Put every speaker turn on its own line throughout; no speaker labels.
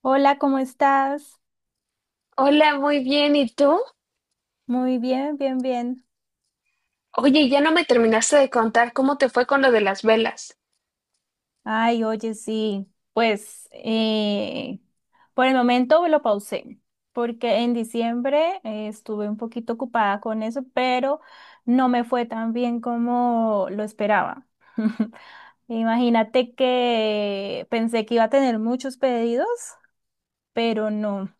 Hola, ¿cómo estás?
Hola, muy bien. ¿Y tú?
Muy bien.
Oye, ya no me terminaste de contar cómo te fue con lo de las velas.
Ay, oye, sí, pues por el momento lo pausé, porque en diciembre estuve un poquito ocupada con eso, pero no me fue tan bien como lo esperaba. Imagínate que pensé que iba a tener muchos pedidos, pero no.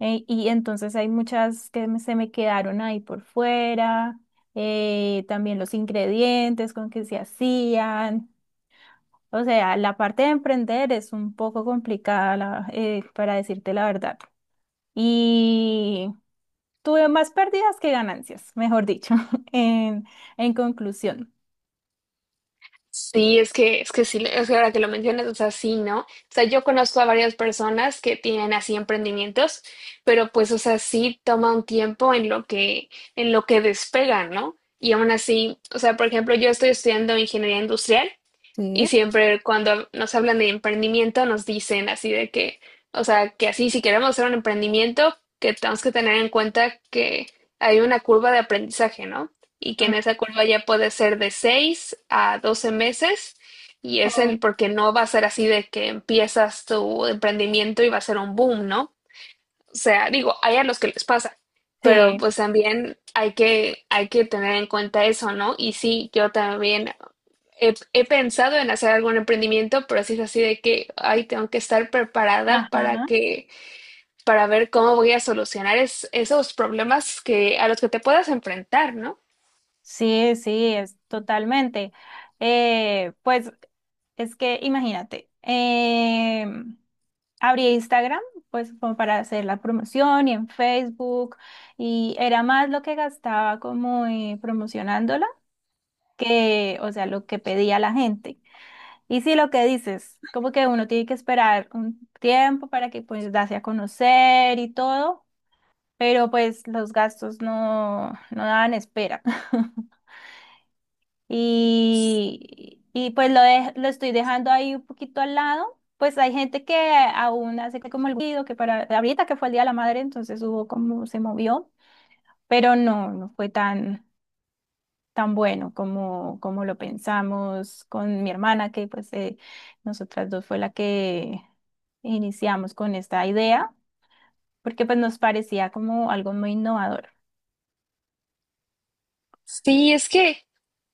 Y entonces hay muchas se me quedaron ahí por fuera, también los ingredientes con que se hacían. O sea, la parte de emprender es un poco complicada, para decirte la verdad. Y tuve más pérdidas que ganancias, mejor dicho, en, en conclusión.
Sí, es que sí, es que ahora que lo mencionas, o sea, sí, ¿no? O sea, yo conozco a varias personas que tienen así emprendimientos, pero pues, o sea, sí toma un tiempo en lo que despegan, ¿no? Y aún así, o sea, por ejemplo, yo estoy estudiando ingeniería industrial. Y siempre cuando nos hablan de emprendimiento nos dicen así de que, o sea, que así si queremos hacer un emprendimiento, que tenemos que tener en cuenta que hay una curva de aprendizaje, ¿no? Y que
Mm.
en esa curva ya puede ser de 6 a 12 meses. Y es el
Oh.
porque no va a ser así de que empiezas tu emprendimiento y va a ser un boom, ¿no? O sea, digo, hay a los que les pasa, pero
Sí,
pues también hay que tener en cuenta eso, ¿no? Y sí, yo también he pensado en hacer algún emprendimiento, pero sí es así de que, ay, tengo que estar preparada
ajá.
para que, para ver cómo voy a solucionar esos problemas que, a los que te puedas enfrentar, ¿no?
Sí, sí, es totalmente. Pues es que imagínate, abrí Instagram, pues como para hacer la promoción y en Facebook, y era más lo que gastaba como promocionándola que, o sea, lo que pedía la gente. Y sí, lo que dices, como que uno tiene que esperar un tiempo para que pues darse a conocer y todo, pero pues los gastos no daban espera. Y pues lo estoy dejando ahí un poquito al lado. Pues hay gente que aún hace como el ruido, que para ahorita que fue el Día de la Madre, entonces hubo como se movió, pero no fue tan bueno como, como lo pensamos con mi hermana, que pues nosotras dos fue la que iniciamos con esta idea, porque pues nos parecía como algo muy innovador.
Sí, es que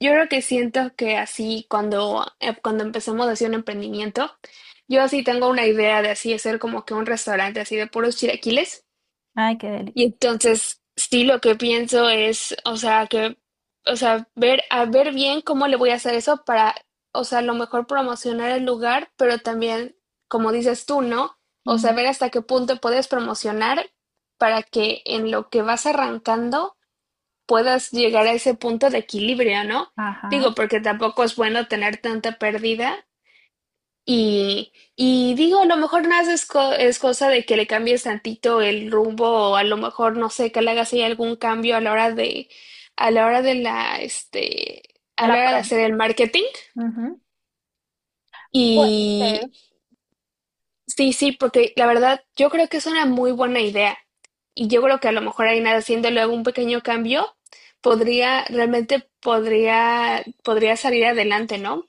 yo creo que siento que así cuando, cuando empezamos a hacer un emprendimiento, yo así tengo una idea de así hacer como que un restaurante así de puros chilaquiles.
Ay, qué deli.
Y entonces, sí, lo que pienso es, o sea, que, o sea, a ver bien cómo le voy a hacer eso para, o sea, a lo mejor promocionar el lugar, pero también, como dices tú, ¿no? O sea,
Ujú.
ver hasta qué punto puedes promocionar para que en lo que vas arrancando puedas llegar a ese punto de equilibrio, ¿no?
Ajá.
Digo, porque tampoco es bueno tener tanta pérdida y digo, a lo mejor nada más es cosa de que le cambies tantito el rumbo o a lo mejor, no sé, que le hagas ahí algún cambio a la hora de, a la hora de la, a
La
la hora de
prom.
hacer el marketing.
Ujú. Puede
Y
ser.
sí, sí, porque la verdad yo creo que es una muy buena idea. Y yo creo que a lo mejor ahí nada, haciéndole algún pequeño cambio, realmente podría salir adelante, ¿no?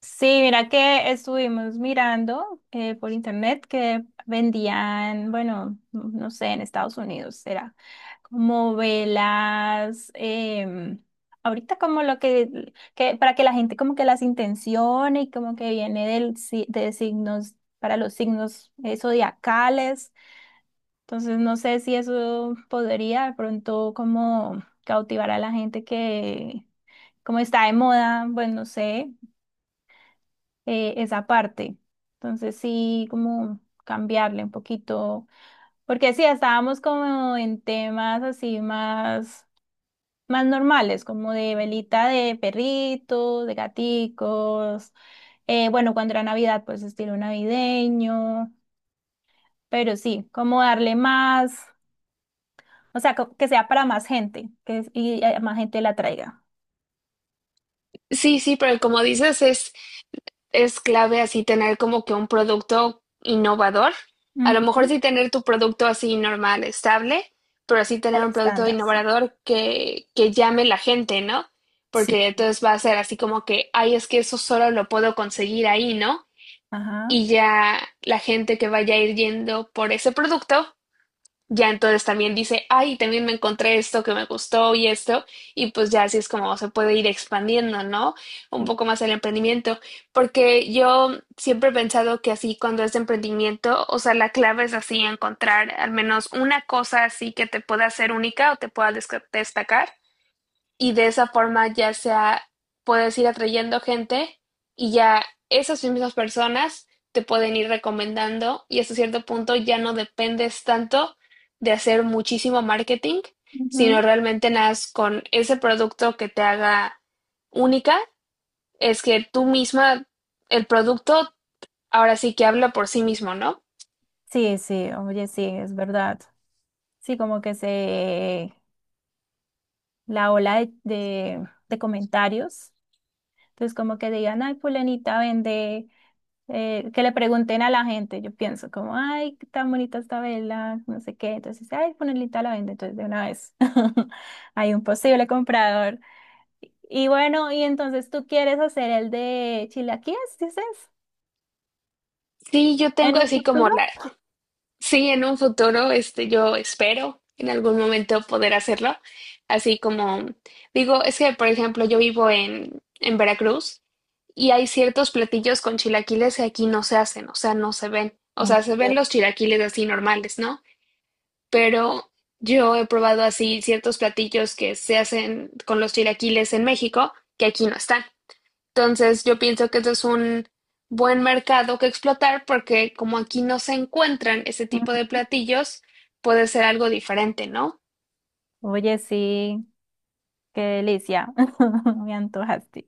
Sí, mira que estuvimos mirando por internet que vendían, bueno, no sé, en Estados Unidos era como velas, ahorita como para que la gente como que las intencione y como que viene del, si- de signos, para los signos zodiacales. Entonces no sé si eso podría de pronto como cautivar a la gente que como está de moda, pues no sé esa parte. Entonces sí, como cambiarle un poquito, porque sí, estábamos como en temas más normales, como de velita de perritos, de gaticos, bueno, cuando era Navidad, pues estilo navideño, pero sí, como darle más, o sea, que sea para más gente, y más gente la traiga.
Sí, sí, pero como dices, es clave así tener como que un producto innovador. A lo mejor
Ujú.
sí tener tu producto así normal, estable, pero sí
El
tener un producto
estándar, sí.
innovador que llame la gente, ¿no?
Sí,
Porque entonces va a ser así como que, ay, es que eso solo lo puedo conseguir ahí, ¿no?
ajá.
Y ya la gente que vaya a ir yendo por ese producto ya entonces también dice, ay, también me encontré esto que me gustó y esto, y pues ya así es como se puede ir expandiendo, ¿no? Un poco más el emprendimiento, porque yo siempre he pensado que así cuando es de emprendimiento, o sea, la clave es así encontrar al menos una cosa así que te pueda hacer única o te pueda destacar, y de esa forma ya sea puedes ir atrayendo gente, y ya esas mismas personas te pueden ir recomendando, y hasta cierto punto ya no dependes tanto de hacer muchísimo marketing, sino
Ujú.
realmente nadas con ese producto que te haga única, es que tú misma, el producto ahora sí que habla por sí mismo, ¿no?
Sí, sí, oye, sí, es verdad. Sí, la ola de comentarios, entonces como que digan, ay, fulanita vende, que le pregunten a la gente, yo pienso como, ay, qué tan bonita esta vela, no sé qué, entonces, ay, fulanita la vende, entonces de una vez hay un posible comprador. Y bueno, y entonces tú quieres hacer el de chilaquiles, dices,
Sí, yo
en
tengo
un
así como
futuro.
la, sí, en un futuro, este, yo espero en algún momento poder hacerlo. Así como digo, es que, por ejemplo, yo vivo en Veracruz, y hay ciertos platillos con chilaquiles que aquí no se hacen, o sea, no se ven. O
En
sea, se ven
se-
los chilaquiles así normales, ¿no? Pero yo he probado así ciertos platillos que se hacen con los chilaquiles en México que aquí no están. Entonces, yo pienso que eso es un buen mercado que explotar porque como aquí no se encuentran ese tipo de platillos, puede ser algo diferente, ¿no?
Oye, sí, qué delicia, me antojaste.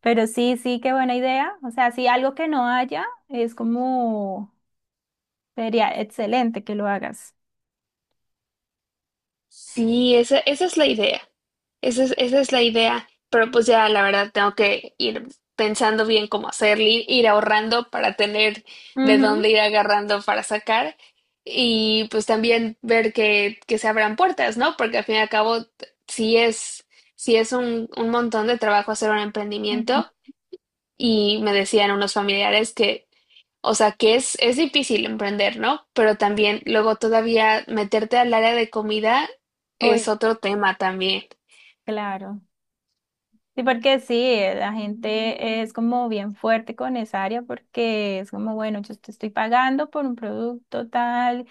Pero sí, sí, qué buena idea. O sea, si algo que no haya es como, sería excelente que lo hagas.
Sí, esa es la idea. Esa es la idea. Pero pues ya, la verdad, tengo que ir pensando bien cómo hacerlo, ir ahorrando para tener de
Ujú,
dónde ir agarrando para sacar. Y pues también ver que se abran puertas, ¿no? Porque al fin y al cabo, si es, si es un montón de trabajo hacer un
ujú.
emprendimiento. Y me decían unos familiares que, o sea, es difícil emprender, ¿no? Pero también luego todavía meterte al área de comida
Uy,
es otro tema también.
claro. Sí, porque sí, la gente es como bien fuerte con esa área porque es como, bueno, yo te estoy pagando por un producto tal.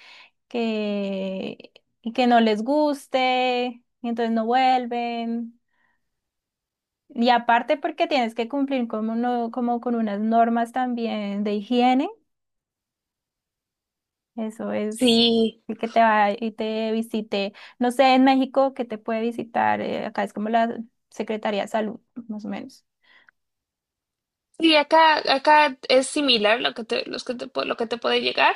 Que, y que no les guste, y entonces no vuelven. Y aparte porque tienes que cumplir con como con unas normas también de higiene, eso es
Sí,
el que te va y te visite, no sé, en México que te puede visitar, acá es como la Secretaría de Salud, más o menos.
sí, acá, acá es similar lo que te, los lo que te puede llegar.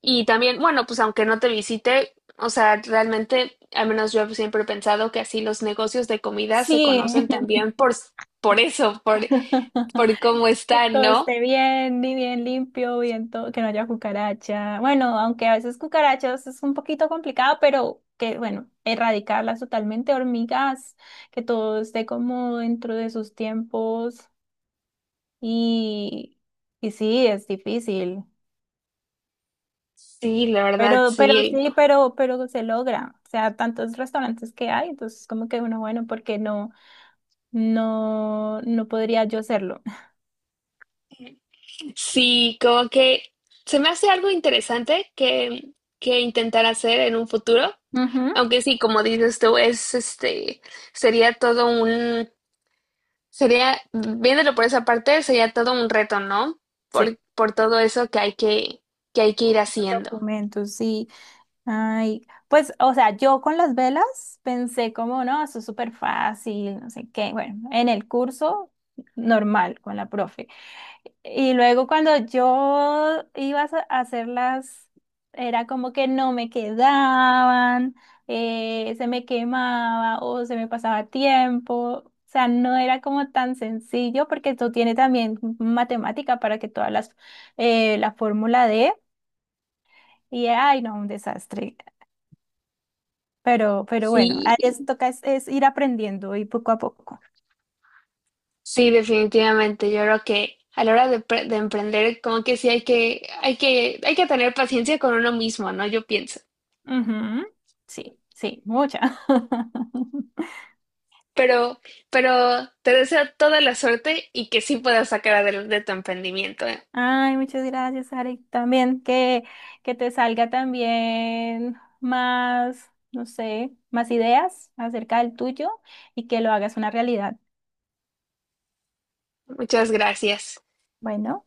Y también, bueno, pues aunque no te visite, o sea, realmente, al menos yo siempre he pensado que así los negocios de comida se
Sí.
conocen también por eso, por cómo
Que
están,
todo
¿no?
esté bien, y bien limpio, bien todo, que no haya cucaracha. Bueno, aunque a veces cucarachas es un poquito complicado, pero que, bueno, erradicarlas totalmente, hormigas, que todo esté como dentro de sus tiempos y, y sí, es difícil.
Sí, la verdad,
Pero, pero
sí.
sí, pero, pero se logra. O sea, tantos restaurantes que hay, entonces como que uno, bueno, porque no podría yo hacerlo.
Sí, como que se me hace algo interesante que intentar hacer en un futuro,
Ujú.
aunque sí, como dices tú, es este, sería todo un, sería, viéndolo por esa parte, sería todo un reto, ¿no?
Sí,
Por todo eso que hay que hay que ir
los
haciendo.
documentos, sí. Ay, pues, o sea, yo con las velas pensé como, no, eso es súper fácil, no sé qué. Bueno, en el curso normal con la profe. Y luego cuando yo iba a a hacerlas, era como que no me quedaban, se me quemaba o se me pasaba tiempo. O sea, no era como tan sencillo porque esto tiene también matemática para que la fórmula de, y ay, no, un desastre. Pero bueno,
Sí,
toca es ir aprendiendo y poco a poco.
sí, definitivamente. Yo creo que a la hora de, de emprender, como que sí hay que, hay que, hay que tener paciencia con uno mismo, ¿no? Yo pienso.
Ujú. Sí, sí, mucha.
Pero, pero te deseo toda la suerte y que sí puedas sacar adelante tu emprendimiento, ¿eh?
Ay, muchas gracias, Ari. También que te salga también más, no sé, más ideas acerca del tuyo y que lo hagas una realidad.
Muchas gracias.
Bueno.